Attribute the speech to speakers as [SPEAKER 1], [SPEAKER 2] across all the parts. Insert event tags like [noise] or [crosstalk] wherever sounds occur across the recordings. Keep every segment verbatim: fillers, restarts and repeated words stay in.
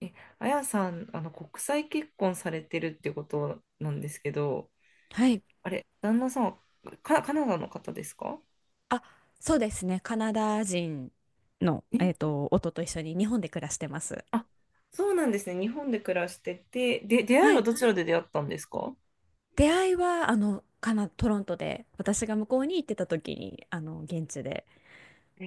[SPEAKER 1] え、あやさん、あの、国際結婚されてるってことなんですけど、
[SPEAKER 2] はい。
[SPEAKER 1] あれ、旦那さんはカ、カナダの方ですか？
[SPEAKER 2] あ、そうですね。カナダ人の、えっ
[SPEAKER 1] え、
[SPEAKER 2] と、夫と一緒に日本で暮らしてます。
[SPEAKER 1] あ、そうなんですね。日本で暮らしてて、で、出会い
[SPEAKER 2] は
[SPEAKER 1] は
[SPEAKER 2] い。
[SPEAKER 1] どちらで出会ったんですか？
[SPEAKER 2] 出会いは、あの、カナ、トロントで、私が向こうに行ってた時に、あの、現地で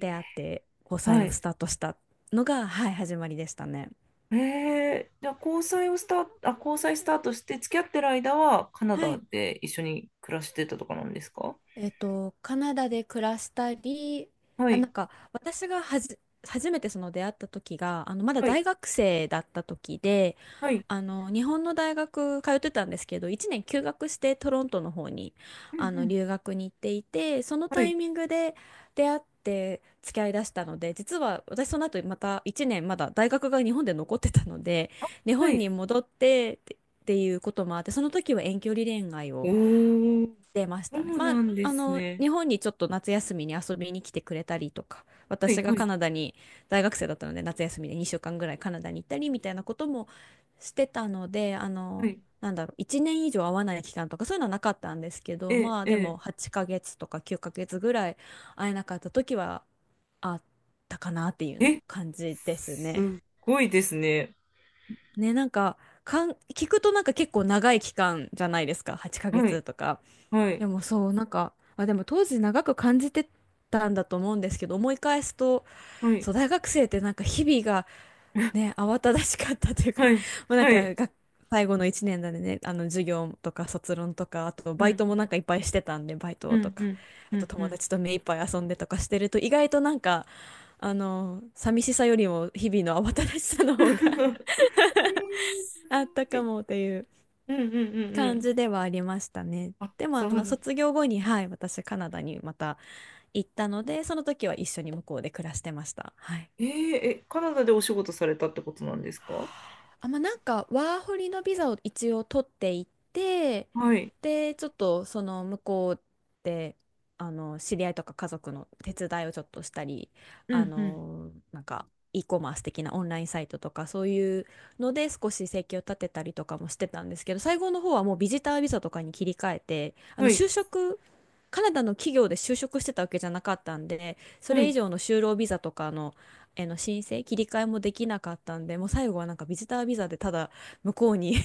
[SPEAKER 2] 出会って交際
[SPEAKER 1] は
[SPEAKER 2] を
[SPEAKER 1] い。
[SPEAKER 2] スタートしたのが、はい、始まりでしたね。
[SPEAKER 1] えー、じゃあ交際をスタート、あ、交際スタートして付き合ってる間はカナ
[SPEAKER 2] は
[SPEAKER 1] ダ
[SPEAKER 2] い。
[SPEAKER 1] で一緒に暮らしてたとかなんですか？
[SPEAKER 2] えっと、カナダで暮らしたり、
[SPEAKER 1] は
[SPEAKER 2] あ、な
[SPEAKER 1] い、
[SPEAKER 2] んか私がはじ、初めてその出会った時が、あのまだ
[SPEAKER 1] はい、
[SPEAKER 2] 大学生だった時で、
[SPEAKER 1] はい、
[SPEAKER 2] あの日本の大学通ってたんですけど、いちねん休学してトロントの方に
[SPEAKER 1] うんう
[SPEAKER 2] あの
[SPEAKER 1] ん、
[SPEAKER 2] 留学に行っていて、その
[SPEAKER 1] は
[SPEAKER 2] タ
[SPEAKER 1] い、
[SPEAKER 2] イミングで出会って付き合いだしたので、実は私その後またいちねんまだ大学が日本で残ってたので、日
[SPEAKER 1] は
[SPEAKER 2] 本
[SPEAKER 1] い。
[SPEAKER 2] に戻ってってっていうこともあって、その時は遠距離恋愛
[SPEAKER 1] お
[SPEAKER 2] を。
[SPEAKER 1] ー、
[SPEAKER 2] 出まし
[SPEAKER 1] そ
[SPEAKER 2] たね。
[SPEAKER 1] う
[SPEAKER 2] ま
[SPEAKER 1] な
[SPEAKER 2] あ、
[SPEAKER 1] んで
[SPEAKER 2] あ
[SPEAKER 1] す
[SPEAKER 2] の、
[SPEAKER 1] ね。
[SPEAKER 2] 日本にちょっと夏休みに遊びに来てくれたりとか、
[SPEAKER 1] はい、
[SPEAKER 2] 私が
[SPEAKER 1] はい、
[SPEAKER 2] カナダに大学生だったので、夏休みでにしゅうかんぐらいカナダに行ったりみたいなこともしてたので、あ
[SPEAKER 1] は
[SPEAKER 2] の、
[SPEAKER 1] い。
[SPEAKER 2] なんだろう、いちねん以上会わない期間とかそういうのはなかったんですけど、
[SPEAKER 1] え、
[SPEAKER 2] まあで
[SPEAKER 1] え、
[SPEAKER 2] もはちかげつとかきゅうかげつぐらい会えなかった時はあったかなっていうの
[SPEAKER 1] え、
[SPEAKER 2] 感じです
[SPEAKER 1] すっ
[SPEAKER 2] ね。
[SPEAKER 1] ごいですね。
[SPEAKER 2] ね、なんか、かん、聞くとなんか結構長い期間じゃないですか、8ヶ
[SPEAKER 1] はい、
[SPEAKER 2] 月とか。
[SPEAKER 1] は
[SPEAKER 2] で
[SPEAKER 1] い、
[SPEAKER 2] もそう、なんか、まあ、でも当時長く感じてたんだと思うんですけど、思い返すと、
[SPEAKER 1] はい、
[SPEAKER 2] そう、大学生ってなんか日々が
[SPEAKER 1] [laughs]
[SPEAKER 2] ね、慌ただしかったというか、
[SPEAKER 1] はい、
[SPEAKER 2] [laughs] まあなん
[SPEAKER 1] は
[SPEAKER 2] か
[SPEAKER 1] い、
[SPEAKER 2] が、最後のいちねんだね、あの授業とか卒論とか、あと
[SPEAKER 1] う
[SPEAKER 2] バイ
[SPEAKER 1] ん、
[SPEAKER 2] トもなんかいっぱいしてたんで、バイ
[SPEAKER 1] う
[SPEAKER 2] トと
[SPEAKER 1] ん、う
[SPEAKER 2] か、
[SPEAKER 1] ん、う
[SPEAKER 2] あと
[SPEAKER 1] ん、う
[SPEAKER 2] 友
[SPEAKER 1] ん。
[SPEAKER 2] 達と目いっぱい遊んでとかしてると、意外となんか、あの、寂しさよりも日々の慌ただしさの
[SPEAKER 1] [laughs] え
[SPEAKER 2] 方が [laughs]
[SPEAKER 1] ー、す
[SPEAKER 2] あった
[SPEAKER 1] ごい。
[SPEAKER 2] かもっ
[SPEAKER 1] う
[SPEAKER 2] ていう
[SPEAKER 1] んうんうんう
[SPEAKER 2] 感
[SPEAKER 1] ん。
[SPEAKER 2] じではありましたね。
[SPEAKER 1] あ、
[SPEAKER 2] でも
[SPEAKER 1] そ
[SPEAKER 2] あ
[SPEAKER 1] う
[SPEAKER 2] の
[SPEAKER 1] だ。
[SPEAKER 2] 卒業後に、はい、私カナダにまた行ったので、その時は一緒に向こうで暮らしてました。はい。
[SPEAKER 1] えー、え、カナダでお仕事されたってことなんですか？
[SPEAKER 2] あ、まあ、なんかワーホリのビザを一応取っていって、
[SPEAKER 1] はい。
[SPEAKER 2] でちょっとその向こうであの知り合いとか家族の手伝いをちょっとしたり、
[SPEAKER 1] う
[SPEAKER 2] あ
[SPEAKER 1] んうん。
[SPEAKER 2] のなんか e コマース的なオンラインサイトとかそういうので少し生計を立てたりとかもしてたんですけど、最後の方はもうビジタービザとかに切り替えて、あ
[SPEAKER 1] は
[SPEAKER 2] の
[SPEAKER 1] い。
[SPEAKER 2] 就職、カナダの企業で就職してたわけじゃなかったんで、そ
[SPEAKER 1] は
[SPEAKER 2] れ
[SPEAKER 1] い。
[SPEAKER 2] 以上の就労ビザとかの、えの申請、切り替えもできなかったんで、もう最後はなんかビジタービザでただ向こうに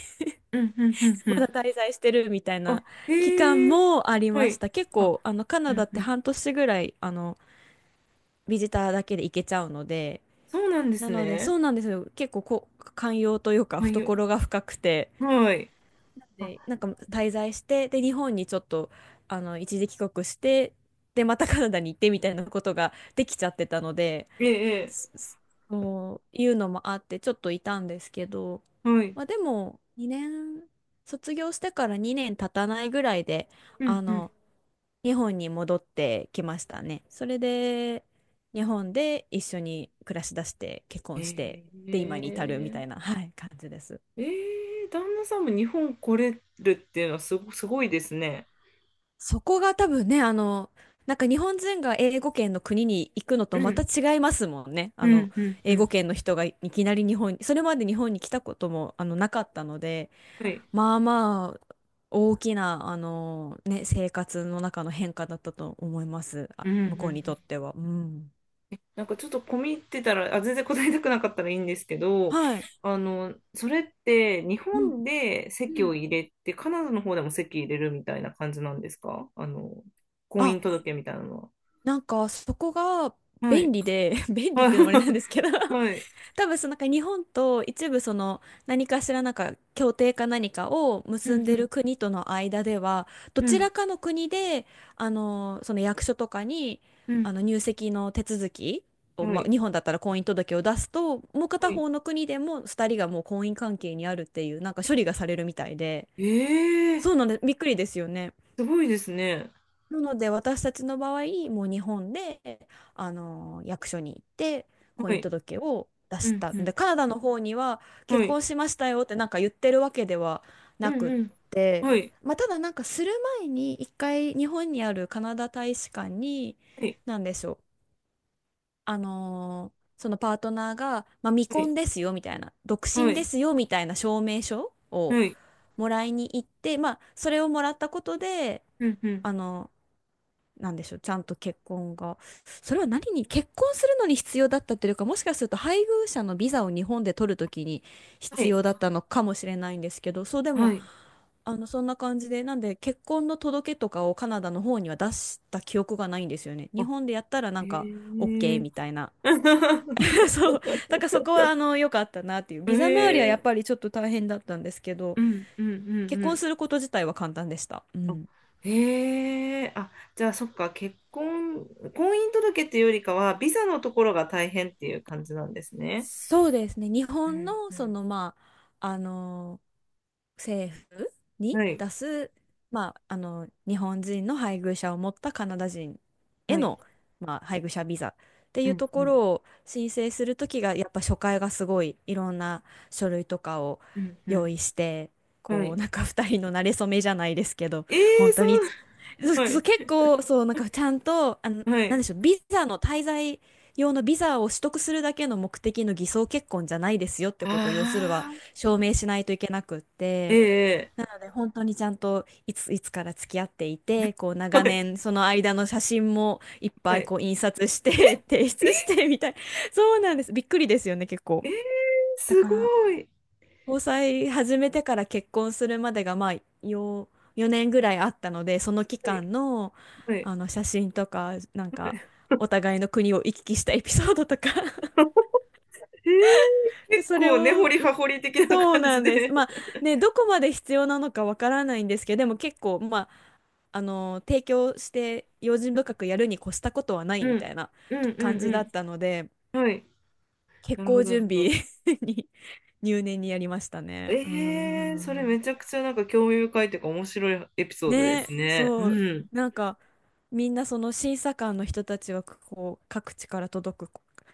[SPEAKER 1] うんうんうんう
[SPEAKER 2] [laughs] ま
[SPEAKER 1] ん。
[SPEAKER 2] だ滞在してるみたい
[SPEAKER 1] あ、
[SPEAKER 2] な期間
[SPEAKER 1] へえー。
[SPEAKER 2] もあり
[SPEAKER 1] は
[SPEAKER 2] まし
[SPEAKER 1] い。
[SPEAKER 2] た。結
[SPEAKER 1] あ、
[SPEAKER 2] 構、あの、カナ
[SPEAKER 1] う
[SPEAKER 2] ダ
[SPEAKER 1] ん
[SPEAKER 2] っ
[SPEAKER 1] う
[SPEAKER 2] て
[SPEAKER 1] ん。
[SPEAKER 2] 半年ぐらい、あの、ビジターだけで行けちゃうので、
[SPEAKER 1] そうなんで
[SPEAKER 2] な
[SPEAKER 1] す
[SPEAKER 2] ので、そ
[SPEAKER 1] ね。
[SPEAKER 2] うなんですよ。結構こう、寛容というか、
[SPEAKER 1] はいよ。
[SPEAKER 2] 懐が深くて、
[SPEAKER 1] はい。あ、
[SPEAKER 2] で、なんか滞在して、で、日本にちょっと、あの、一時帰国して、で、またカナダに行ってみたいなことができちゃってたので、
[SPEAKER 1] ええ、え
[SPEAKER 2] すそういうのもあって、ちょっといたんですけど、
[SPEAKER 1] えはい。
[SPEAKER 2] まあ、でも、にねん、卒業してからにねん経たないぐらいで、
[SPEAKER 1] う
[SPEAKER 2] あ
[SPEAKER 1] んうん。
[SPEAKER 2] の、日本に戻ってきましたね。それで、日本で一緒に暮らしだして、結
[SPEAKER 1] え
[SPEAKER 2] 婚して、で、今に至るみた
[SPEAKER 1] ー、
[SPEAKER 2] いな、はい、感じです。
[SPEAKER 1] えー、旦那さんも日本来れるっていうのはすご、すごいですね。
[SPEAKER 2] そこが多分ね、あの、なんか日本人が英語圏の国に行くのと
[SPEAKER 1] う
[SPEAKER 2] また
[SPEAKER 1] ん、
[SPEAKER 2] 違いますもんね。あ
[SPEAKER 1] う
[SPEAKER 2] の、
[SPEAKER 1] ん、うん、う
[SPEAKER 2] 英語
[SPEAKER 1] ん。
[SPEAKER 2] 圏の人がいきなり日本に、それまで日本に来たこともあのなかったので、
[SPEAKER 1] はい。
[SPEAKER 2] まあまあ、大きな、あの、ね、生活の中の変化だったと思います。あ、
[SPEAKER 1] うん、うん。う
[SPEAKER 2] 向こうにと
[SPEAKER 1] ん。
[SPEAKER 2] っては。うん。
[SPEAKER 1] なんかちょっと込み入ってたら、あ、全然答えたくなかったらいいんですけど、
[SPEAKER 2] はい。
[SPEAKER 1] あの、それって日
[SPEAKER 2] うん。
[SPEAKER 1] 本で
[SPEAKER 2] う
[SPEAKER 1] 籍
[SPEAKER 2] ん。
[SPEAKER 1] を入れて、カナダの方でも籍入れるみたいな感じなんですか？あの、婚姻
[SPEAKER 2] あ、
[SPEAKER 1] 届みたいなの
[SPEAKER 2] なんかそこが
[SPEAKER 1] は。は
[SPEAKER 2] 便
[SPEAKER 1] い。
[SPEAKER 2] 利で、[laughs]
[SPEAKER 1] はい。
[SPEAKER 2] 便利っていうのもあれなんで
[SPEAKER 1] [laughs]
[SPEAKER 2] すけど、
[SPEAKER 1] はい。
[SPEAKER 2] 多分そのなんか日本と一部その何かしらなんか協定か何かを
[SPEAKER 1] う
[SPEAKER 2] 結ん
[SPEAKER 1] ん、う
[SPEAKER 2] で
[SPEAKER 1] ん、
[SPEAKER 2] る国との間では、ど
[SPEAKER 1] う
[SPEAKER 2] ち
[SPEAKER 1] ん、
[SPEAKER 2] らかの国であのその役所とかにあの入籍の手続き
[SPEAKER 1] う
[SPEAKER 2] を、
[SPEAKER 1] ん。は
[SPEAKER 2] ま
[SPEAKER 1] い。
[SPEAKER 2] あ、日本だったら婚姻届を出すと、もう
[SPEAKER 1] は
[SPEAKER 2] 片
[SPEAKER 1] い。
[SPEAKER 2] 方の国でもふたりがもう婚姻関係にあるっていうなんか処理がされるみたいで、
[SPEAKER 1] ええー、
[SPEAKER 2] そうなんでびっくりですよね。
[SPEAKER 1] すごいですね。
[SPEAKER 2] なので私たちの場合もう日本で、あの役所に行って婚
[SPEAKER 1] は
[SPEAKER 2] 姻
[SPEAKER 1] い。
[SPEAKER 2] 届を出
[SPEAKER 1] う
[SPEAKER 2] し
[SPEAKER 1] ん、
[SPEAKER 2] た、
[SPEAKER 1] う
[SPEAKER 2] で
[SPEAKER 1] ん。
[SPEAKER 2] カナダの方には結
[SPEAKER 1] はい。
[SPEAKER 2] 婚しましたよってなんか言ってるわけでは
[SPEAKER 1] う
[SPEAKER 2] な
[SPEAKER 1] ん、
[SPEAKER 2] くっ
[SPEAKER 1] うん。
[SPEAKER 2] て、
[SPEAKER 1] はい。
[SPEAKER 2] まあ、ただなんかする前に一回日本にあるカナダ大使館に、
[SPEAKER 1] はい。
[SPEAKER 2] なんでしょう、あのそのパートナーが、まあ、未
[SPEAKER 1] はい。
[SPEAKER 2] 婚ですよみたいな、独
[SPEAKER 1] は
[SPEAKER 2] 身で
[SPEAKER 1] い。
[SPEAKER 2] すよみたいな証明書を
[SPEAKER 1] はい。
[SPEAKER 2] もらいに行って、まあ、それをもらったことで。
[SPEAKER 1] うん、うん。
[SPEAKER 2] あのなんでしょう、ちゃんと結婚が。それは何に、結婚するのに必要だったというか、もしかすると配偶者のビザを日本で取るときに
[SPEAKER 1] は
[SPEAKER 2] 必
[SPEAKER 1] い。
[SPEAKER 2] 要だったのかもしれないんですけど、そうでも、
[SPEAKER 1] はい。
[SPEAKER 2] あの、そんな感じで、なんで結婚の届けとかをカナダの方には出した記憶がないんですよね。日
[SPEAKER 1] あ、
[SPEAKER 2] 本でやったらなんか、
[SPEAKER 1] へ
[SPEAKER 2] オーケー
[SPEAKER 1] え。
[SPEAKER 2] みたいな。
[SPEAKER 1] [laughs]
[SPEAKER 2] [laughs] そう。だからそこは、あの、良かったなっていう。
[SPEAKER 1] へ
[SPEAKER 2] ビザ周りはやっぱ
[SPEAKER 1] え。
[SPEAKER 2] りちょっと大変だったんですけど、
[SPEAKER 1] うん、うん、うん、
[SPEAKER 2] 結
[SPEAKER 1] う
[SPEAKER 2] 婚す
[SPEAKER 1] ん。
[SPEAKER 2] ること自体は簡単でした。う
[SPEAKER 1] あ、
[SPEAKER 2] ん。
[SPEAKER 1] へえ。あ、じゃあ、そっか。結婚、婚姻届っていうよりかは、ビザのところが大変っていう感じなんですね。
[SPEAKER 2] そうですね。日
[SPEAKER 1] う
[SPEAKER 2] 本
[SPEAKER 1] ん、
[SPEAKER 2] の、
[SPEAKER 1] う
[SPEAKER 2] そ
[SPEAKER 1] ん。
[SPEAKER 2] の、まあ、あの政府に
[SPEAKER 1] はい。
[SPEAKER 2] 出す、まあ、あの日本人の配偶者を持ったカナダ人へ
[SPEAKER 1] はい。
[SPEAKER 2] の、まあ、配偶者ビザって
[SPEAKER 1] う
[SPEAKER 2] いう
[SPEAKER 1] ん、
[SPEAKER 2] とこ
[SPEAKER 1] うん。
[SPEAKER 2] ろを申請するときが、やっぱ初回がすごいいろんな書類とかを
[SPEAKER 1] うん、う
[SPEAKER 2] 用
[SPEAKER 1] ん。
[SPEAKER 2] 意して、
[SPEAKER 1] は
[SPEAKER 2] こう
[SPEAKER 1] い。
[SPEAKER 2] なんかふたりの馴れ初めじゃないですけど、
[SPEAKER 1] え
[SPEAKER 2] 本
[SPEAKER 1] え、
[SPEAKER 2] 当
[SPEAKER 1] そ
[SPEAKER 2] に
[SPEAKER 1] う。
[SPEAKER 2] そう
[SPEAKER 1] は
[SPEAKER 2] そ
[SPEAKER 1] い。
[SPEAKER 2] う、結構そうなんかちゃんと、あの
[SPEAKER 1] は
[SPEAKER 2] なんで
[SPEAKER 1] い。
[SPEAKER 2] しょう、ビザの滞在用のビザを取得するだけの目的の偽装結婚じゃないですよってことを要する
[SPEAKER 1] あ
[SPEAKER 2] は
[SPEAKER 1] あ。
[SPEAKER 2] 証明しないといけなくっ
[SPEAKER 1] え
[SPEAKER 2] て、
[SPEAKER 1] え。
[SPEAKER 2] なので本当にちゃんといつ、いつから付き合っていて、こう
[SPEAKER 1] は
[SPEAKER 2] 長
[SPEAKER 1] い。
[SPEAKER 2] 年その間の写真もいっ
[SPEAKER 1] は
[SPEAKER 2] ぱい
[SPEAKER 1] い。
[SPEAKER 2] こう印刷し
[SPEAKER 1] え、
[SPEAKER 2] て [laughs] 提出し
[SPEAKER 1] え、
[SPEAKER 2] てみたい、そうなんです、びっくりですよね結構。
[SPEAKER 1] えー、
[SPEAKER 2] だ
[SPEAKER 1] す
[SPEAKER 2] か
[SPEAKER 1] ご
[SPEAKER 2] ら
[SPEAKER 1] い。
[SPEAKER 2] 交際始めてから結婚するまでがまあよよねんぐらいあったので、その期
[SPEAKER 1] はい。
[SPEAKER 2] 間の、
[SPEAKER 1] はい。
[SPEAKER 2] あの写真とかなん
[SPEAKER 1] はい。
[SPEAKER 2] か
[SPEAKER 1] [laughs]
[SPEAKER 2] お互いの国を行き来したエピソードとか
[SPEAKER 1] えー、
[SPEAKER 2] [laughs]
[SPEAKER 1] 結
[SPEAKER 2] それ
[SPEAKER 1] 構根
[SPEAKER 2] を、
[SPEAKER 1] 掘り葉掘り的な
[SPEAKER 2] そう
[SPEAKER 1] 感
[SPEAKER 2] な
[SPEAKER 1] じ
[SPEAKER 2] んです。
[SPEAKER 1] で。
[SPEAKER 2] まあね、どこまで必要なのかわからないんですけど、でも結構、まあ、あの、提供して用心深くやるに越したことはな
[SPEAKER 1] う
[SPEAKER 2] いみた
[SPEAKER 1] ん。
[SPEAKER 2] いな
[SPEAKER 1] うん
[SPEAKER 2] 感じ
[SPEAKER 1] う
[SPEAKER 2] だ
[SPEAKER 1] ん
[SPEAKER 2] ったので、
[SPEAKER 1] うん。はい。
[SPEAKER 2] 結
[SPEAKER 1] なるほ
[SPEAKER 2] 構
[SPEAKER 1] ど、なる
[SPEAKER 2] 準
[SPEAKER 1] ほ
[SPEAKER 2] 備
[SPEAKER 1] ど。
[SPEAKER 2] [laughs] に入念にやりましたね。うー
[SPEAKER 1] えー、それ
[SPEAKER 2] ん。
[SPEAKER 1] めちゃくちゃなんか興味深いというか面白いエピソードです
[SPEAKER 2] ね、
[SPEAKER 1] ね。う
[SPEAKER 2] そう、
[SPEAKER 1] ん。
[SPEAKER 2] なんか、みんなその審査官の人たちは、こう、各地から届く、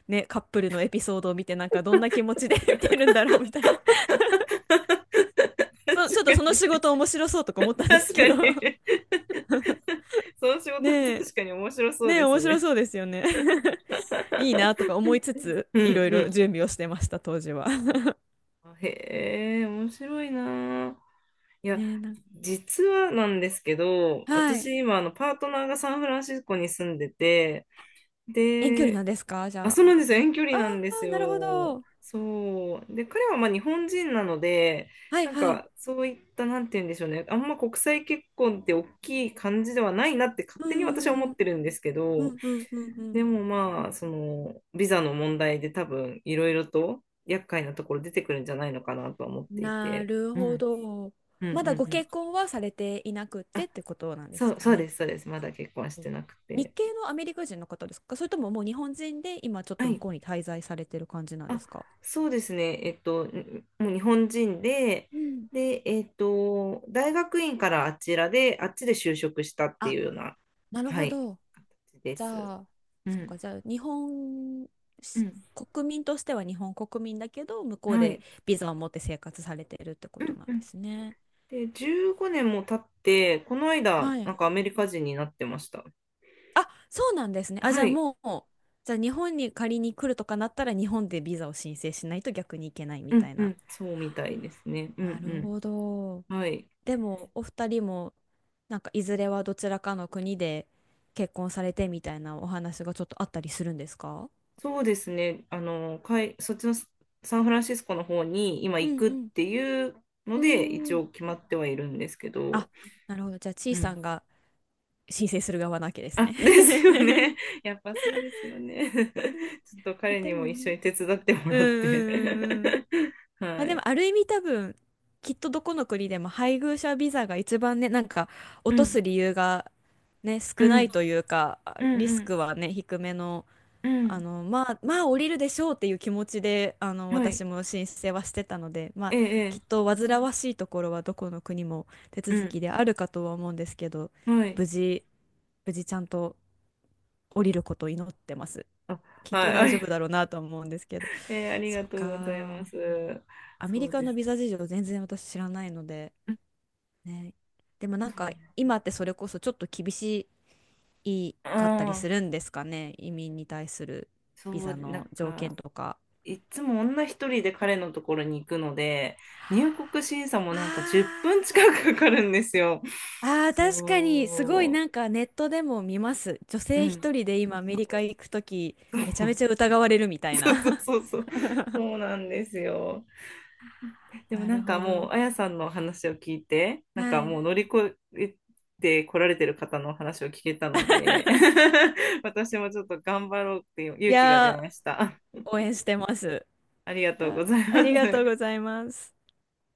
[SPEAKER 2] ね、カップルのエピソードを見て、なんかどんな気持ちで [laughs] 見てるんだろうみたいな、
[SPEAKER 1] 確
[SPEAKER 2] そ、ちょっ
[SPEAKER 1] か
[SPEAKER 2] とその
[SPEAKER 1] に、
[SPEAKER 2] 仕事面白そうとか思ったんです
[SPEAKER 1] 確か
[SPEAKER 2] けど。
[SPEAKER 1] に。
[SPEAKER 2] [laughs]
[SPEAKER 1] [laughs] その仕事
[SPEAKER 2] ね
[SPEAKER 1] は確
[SPEAKER 2] え、
[SPEAKER 1] かに面白そう
[SPEAKER 2] ねえ、
[SPEAKER 1] です
[SPEAKER 2] 面白
[SPEAKER 1] ね。
[SPEAKER 2] そうですよね。[laughs] いいなとか思いつつ、
[SPEAKER 1] う
[SPEAKER 2] い
[SPEAKER 1] ん
[SPEAKER 2] ろいろ
[SPEAKER 1] う
[SPEAKER 2] 準備をしてました、当時は。[laughs]
[SPEAKER 1] ん。へえ、面白いなあ。いや、
[SPEAKER 2] ねえ、なん
[SPEAKER 1] 実はなんですけど、
[SPEAKER 2] はい。
[SPEAKER 1] 私今、あの、パートナーがサンフランシスコに住んでて、
[SPEAKER 2] 遠距離
[SPEAKER 1] で、
[SPEAKER 2] なんですか、じ
[SPEAKER 1] あ、
[SPEAKER 2] ゃあ。
[SPEAKER 1] そうなんですよ。遠距離
[SPEAKER 2] あ
[SPEAKER 1] なんです
[SPEAKER 2] あ、なるほ
[SPEAKER 1] よ。
[SPEAKER 2] ど。
[SPEAKER 1] そう。で、彼はまあ日本人なので、
[SPEAKER 2] はい
[SPEAKER 1] なん
[SPEAKER 2] はい。
[SPEAKER 1] か、そういった、なんて言うんでしょうね。あんま国際結婚って大きい感じではないなって勝
[SPEAKER 2] う
[SPEAKER 1] 手に私は思
[SPEAKER 2] ん
[SPEAKER 1] ってるんですけ
[SPEAKER 2] う
[SPEAKER 1] ど、
[SPEAKER 2] んうんうんうん
[SPEAKER 1] で
[SPEAKER 2] う
[SPEAKER 1] もまあ、その、ビザの問題で多分、いろいろと厄介なところ出てくるんじゃないのかなとは思っ
[SPEAKER 2] ん。
[SPEAKER 1] てい
[SPEAKER 2] な
[SPEAKER 1] て。
[SPEAKER 2] る
[SPEAKER 1] う
[SPEAKER 2] ほ
[SPEAKER 1] ん。
[SPEAKER 2] ど。
[SPEAKER 1] うんうん
[SPEAKER 2] まだご
[SPEAKER 1] うん。
[SPEAKER 2] 結婚はされていなくてってことなんです
[SPEAKER 1] そう、
[SPEAKER 2] か
[SPEAKER 1] そうで
[SPEAKER 2] ね。
[SPEAKER 1] す、そうです。まだ結婚し
[SPEAKER 2] そう、
[SPEAKER 1] てなく
[SPEAKER 2] 日
[SPEAKER 1] て。
[SPEAKER 2] 系のアメリカ人の方ですか、それとももう日本人で今ちょっと
[SPEAKER 1] は
[SPEAKER 2] 向
[SPEAKER 1] い。
[SPEAKER 2] こうに滞在されてる感じなんで
[SPEAKER 1] あ、
[SPEAKER 2] すか。
[SPEAKER 1] そうですね。えっと、んもう日本人で、
[SPEAKER 2] うん。
[SPEAKER 1] で、えっと、大学院からあちらで、あっちで就職したって
[SPEAKER 2] あ、
[SPEAKER 1] いうような、
[SPEAKER 2] なる
[SPEAKER 1] は
[SPEAKER 2] ほ
[SPEAKER 1] い、
[SPEAKER 2] ど。
[SPEAKER 1] 形で
[SPEAKER 2] じゃ
[SPEAKER 1] す。
[SPEAKER 2] あ、
[SPEAKER 1] う
[SPEAKER 2] そっ
[SPEAKER 1] ん、
[SPEAKER 2] か、じゃあ、日本
[SPEAKER 1] う
[SPEAKER 2] し、
[SPEAKER 1] ん、
[SPEAKER 2] 国民としては日本国民だけど、向こう
[SPEAKER 1] は
[SPEAKER 2] で
[SPEAKER 1] い。
[SPEAKER 2] ビザを持って生活されてるってこ
[SPEAKER 1] う
[SPEAKER 2] と
[SPEAKER 1] ん、
[SPEAKER 2] なん
[SPEAKER 1] う
[SPEAKER 2] で
[SPEAKER 1] ん。
[SPEAKER 2] すね。
[SPEAKER 1] で、じゅうごねんも経って、この間、
[SPEAKER 2] は
[SPEAKER 1] な
[SPEAKER 2] い。
[SPEAKER 1] んかアメリカ人になってました。
[SPEAKER 2] あ、そうなんですね。あ、じ
[SPEAKER 1] は
[SPEAKER 2] ゃあ
[SPEAKER 1] い。
[SPEAKER 2] もう、じゃあ日本に仮に来るとかなったら、日本でビザを申請しないと逆に行けないみ
[SPEAKER 1] う
[SPEAKER 2] た
[SPEAKER 1] ん、
[SPEAKER 2] い
[SPEAKER 1] う
[SPEAKER 2] な。
[SPEAKER 1] ん、そうみたいですね。うん、
[SPEAKER 2] なるほど。
[SPEAKER 1] うん。はい。
[SPEAKER 2] でも、お二人も、なんか、いずれはどちらかの国で結婚されてみたいなお話がちょっとあったりするんですか。
[SPEAKER 1] そうですね。あの、かい、そっちのササンフランシスコの方に今
[SPEAKER 2] う
[SPEAKER 1] 行
[SPEAKER 2] ん
[SPEAKER 1] くっ
[SPEAKER 2] うん。
[SPEAKER 1] ていうの
[SPEAKER 2] う
[SPEAKER 1] で、一
[SPEAKER 2] ーん。
[SPEAKER 1] 応決まってはいるんですけ
[SPEAKER 2] あ、
[SPEAKER 1] ど。
[SPEAKER 2] なるほど。じゃあ、ち
[SPEAKER 1] う
[SPEAKER 2] いさ
[SPEAKER 1] ん。
[SPEAKER 2] んが申請する側なわけです
[SPEAKER 1] あ、
[SPEAKER 2] ね。
[SPEAKER 1] [laughs] ですよ
[SPEAKER 2] [laughs]
[SPEAKER 1] ね。やっぱそうですよね。[laughs] ちょっと
[SPEAKER 2] まあ、
[SPEAKER 1] 彼
[SPEAKER 2] で
[SPEAKER 1] にも
[SPEAKER 2] も
[SPEAKER 1] 一緒
[SPEAKER 2] ね。
[SPEAKER 1] に手伝っても
[SPEAKER 2] うん
[SPEAKER 1] らって
[SPEAKER 2] うんうんうん。
[SPEAKER 1] [laughs]
[SPEAKER 2] ま
[SPEAKER 1] は
[SPEAKER 2] あ、で
[SPEAKER 1] い。
[SPEAKER 2] も、ある意味多分、きっとどこの国でも配偶者ビザが一番ね、なんか、
[SPEAKER 1] う
[SPEAKER 2] 落と
[SPEAKER 1] ん、
[SPEAKER 2] す理由がね、
[SPEAKER 1] う
[SPEAKER 2] 少な
[SPEAKER 1] ん、
[SPEAKER 2] いというか、
[SPEAKER 1] うん、
[SPEAKER 2] リ
[SPEAKER 1] う
[SPEAKER 2] ス
[SPEAKER 1] ん、
[SPEAKER 2] クはね、低めの、
[SPEAKER 1] う
[SPEAKER 2] あ
[SPEAKER 1] ん。
[SPEAKER 2] の、まあ、まあ降りるでしょうっていう気持ちで、あの、
[SPEAKER 1] はい。
[SPEAKER 2] 私も申請はしてたので、ま
[SPEAKER 1] え
[SPEAKER 2] あ、き
[SPEAKER 1] え、
[SPEAKER 2] っと煩わしいところはどこの国も手
[SPEAKER 1] ええ、う
[SPEAKER 2] 続き
[SPEAKER 1] ん。
[SPEAKER 2] であるかとは思うんですけど、
[SPEAKER 1] はい。
[SPEAKER 2] 無事、無事ちゃんと降りることを祈ってます。
[SPEAKER 1] あ、
[SPEAKER 2] きっ
[SPEAKER 1] は
[SPEAKER 2] と
[SPEAKER 1] い。[laughs] あ
[SPEAKER 2] 大丈
[SPEAKER 1] り、
[SPEAKER 2] 夫だろうなとは思うんですけど。
[SPEAKER 1] ええ、あり
[SPEAKER 2] そ
[SPEAKER 1] が
[SPEAKER 2] っ
[SPEAKER 1] とうございま
[SPEAKER 2] か。
[SPEAKER 1] す。
[SPEAKER 2] アメ
[SPEAKER 1] そ
[SPEAKER 2] リ
[SPEAKER 1] う
[SPEAKER 2] カ
[SPEAKER 1] で
[SPEAKER 2] のビ
[SPEAKER 1] す。
[SPEAKER 2] ザ事情全然私知らないので、
[SPEAKER 1] うん。
[SPEAKER 2] ね。でもなんか、今ってそれこそちょっと厳しいかったり
[SPEAKER 1] あ
[SPEAKER 2] す
[SPEAKER 1] あ、
[SPEAKER 2] るんですかね。移民に対する
[SPEAKER 1] そ
[SPEAKER 2] ビ
[SPEAKER 1] う、
[SPEAKER 2] ザ
[SPEAKER 1] な
[SPEAKER 2] の
[SPEAKER 1] ん
[SPEAKER 2] 条
[SPEAKER 1] か、
[SPEAKER 2] 件とか。
[SPEAKER 1] いつも女一人で彼のところに行くので、入国審査もな
[SPEAKER 2] あ
[SPEAKER 1] んかじゅっぷん近くかかるんですよ。
[SPEAKER 2] ーあー、確かに、すごい
[SPEAKER 1] そ
[SPEAKER 2] なんかネットでも見ます。女
[SPEAKER 1] う。う
[SPEAKER 2] 性
[SPEAKER 1] ん。
[SPEAKER 2] 一人で今アメリカ行くとき、めちゃめ
[SPEAKER 1] [laughs]
[SPEAKER 2] ちゃ疑われるみたい
[SPEAKER 1] そうそう
[SPEAKER 2] な。
[SPEAKER 1] そうそう。
[SPEAKER 2] [laughs]
[SPEAKER 1] そうなんですよ。でも
[SPEAKER 2] な
[SPEAKER 1] な
[SPEAKER 2] る
[SPEAKER 1] んか
[SPEAKER 2] ほ
[SPEAKER 1] もう、
[SPEAKER 2] ど。
[SPEAKER 1] あやさんの話を聞いて、なん
[SPEAKER 2] は
[SPEAKER 1] かも
[SPEAKER 2] い。
[SPEAKER 1] う乗り越えて来られてる方の話を聞けたので、[laughs] 私もちょっと頑張ろうっていう
[SPEAKER 2] い
[SPEAKER 1] 勇気が
[SPEAKER 2] や
[SPEAKER 1] 出
[SPEAKER 2] ー、
[SPEAKER 1] ました。
[SPEAKER 2] 応援してます。
[SPEAKER 1] ありが
[SPEAKER 2] い
[SPEAKER 1] とう
[SPEAKER 2] や
[SPEAKER 1] ござい
[SPEAKER 2] あり
[SPEAKER 1] ま
[SPEAKER 2] がとう
[SPEAKER 1] す。
[SPEAKER 2] ございます。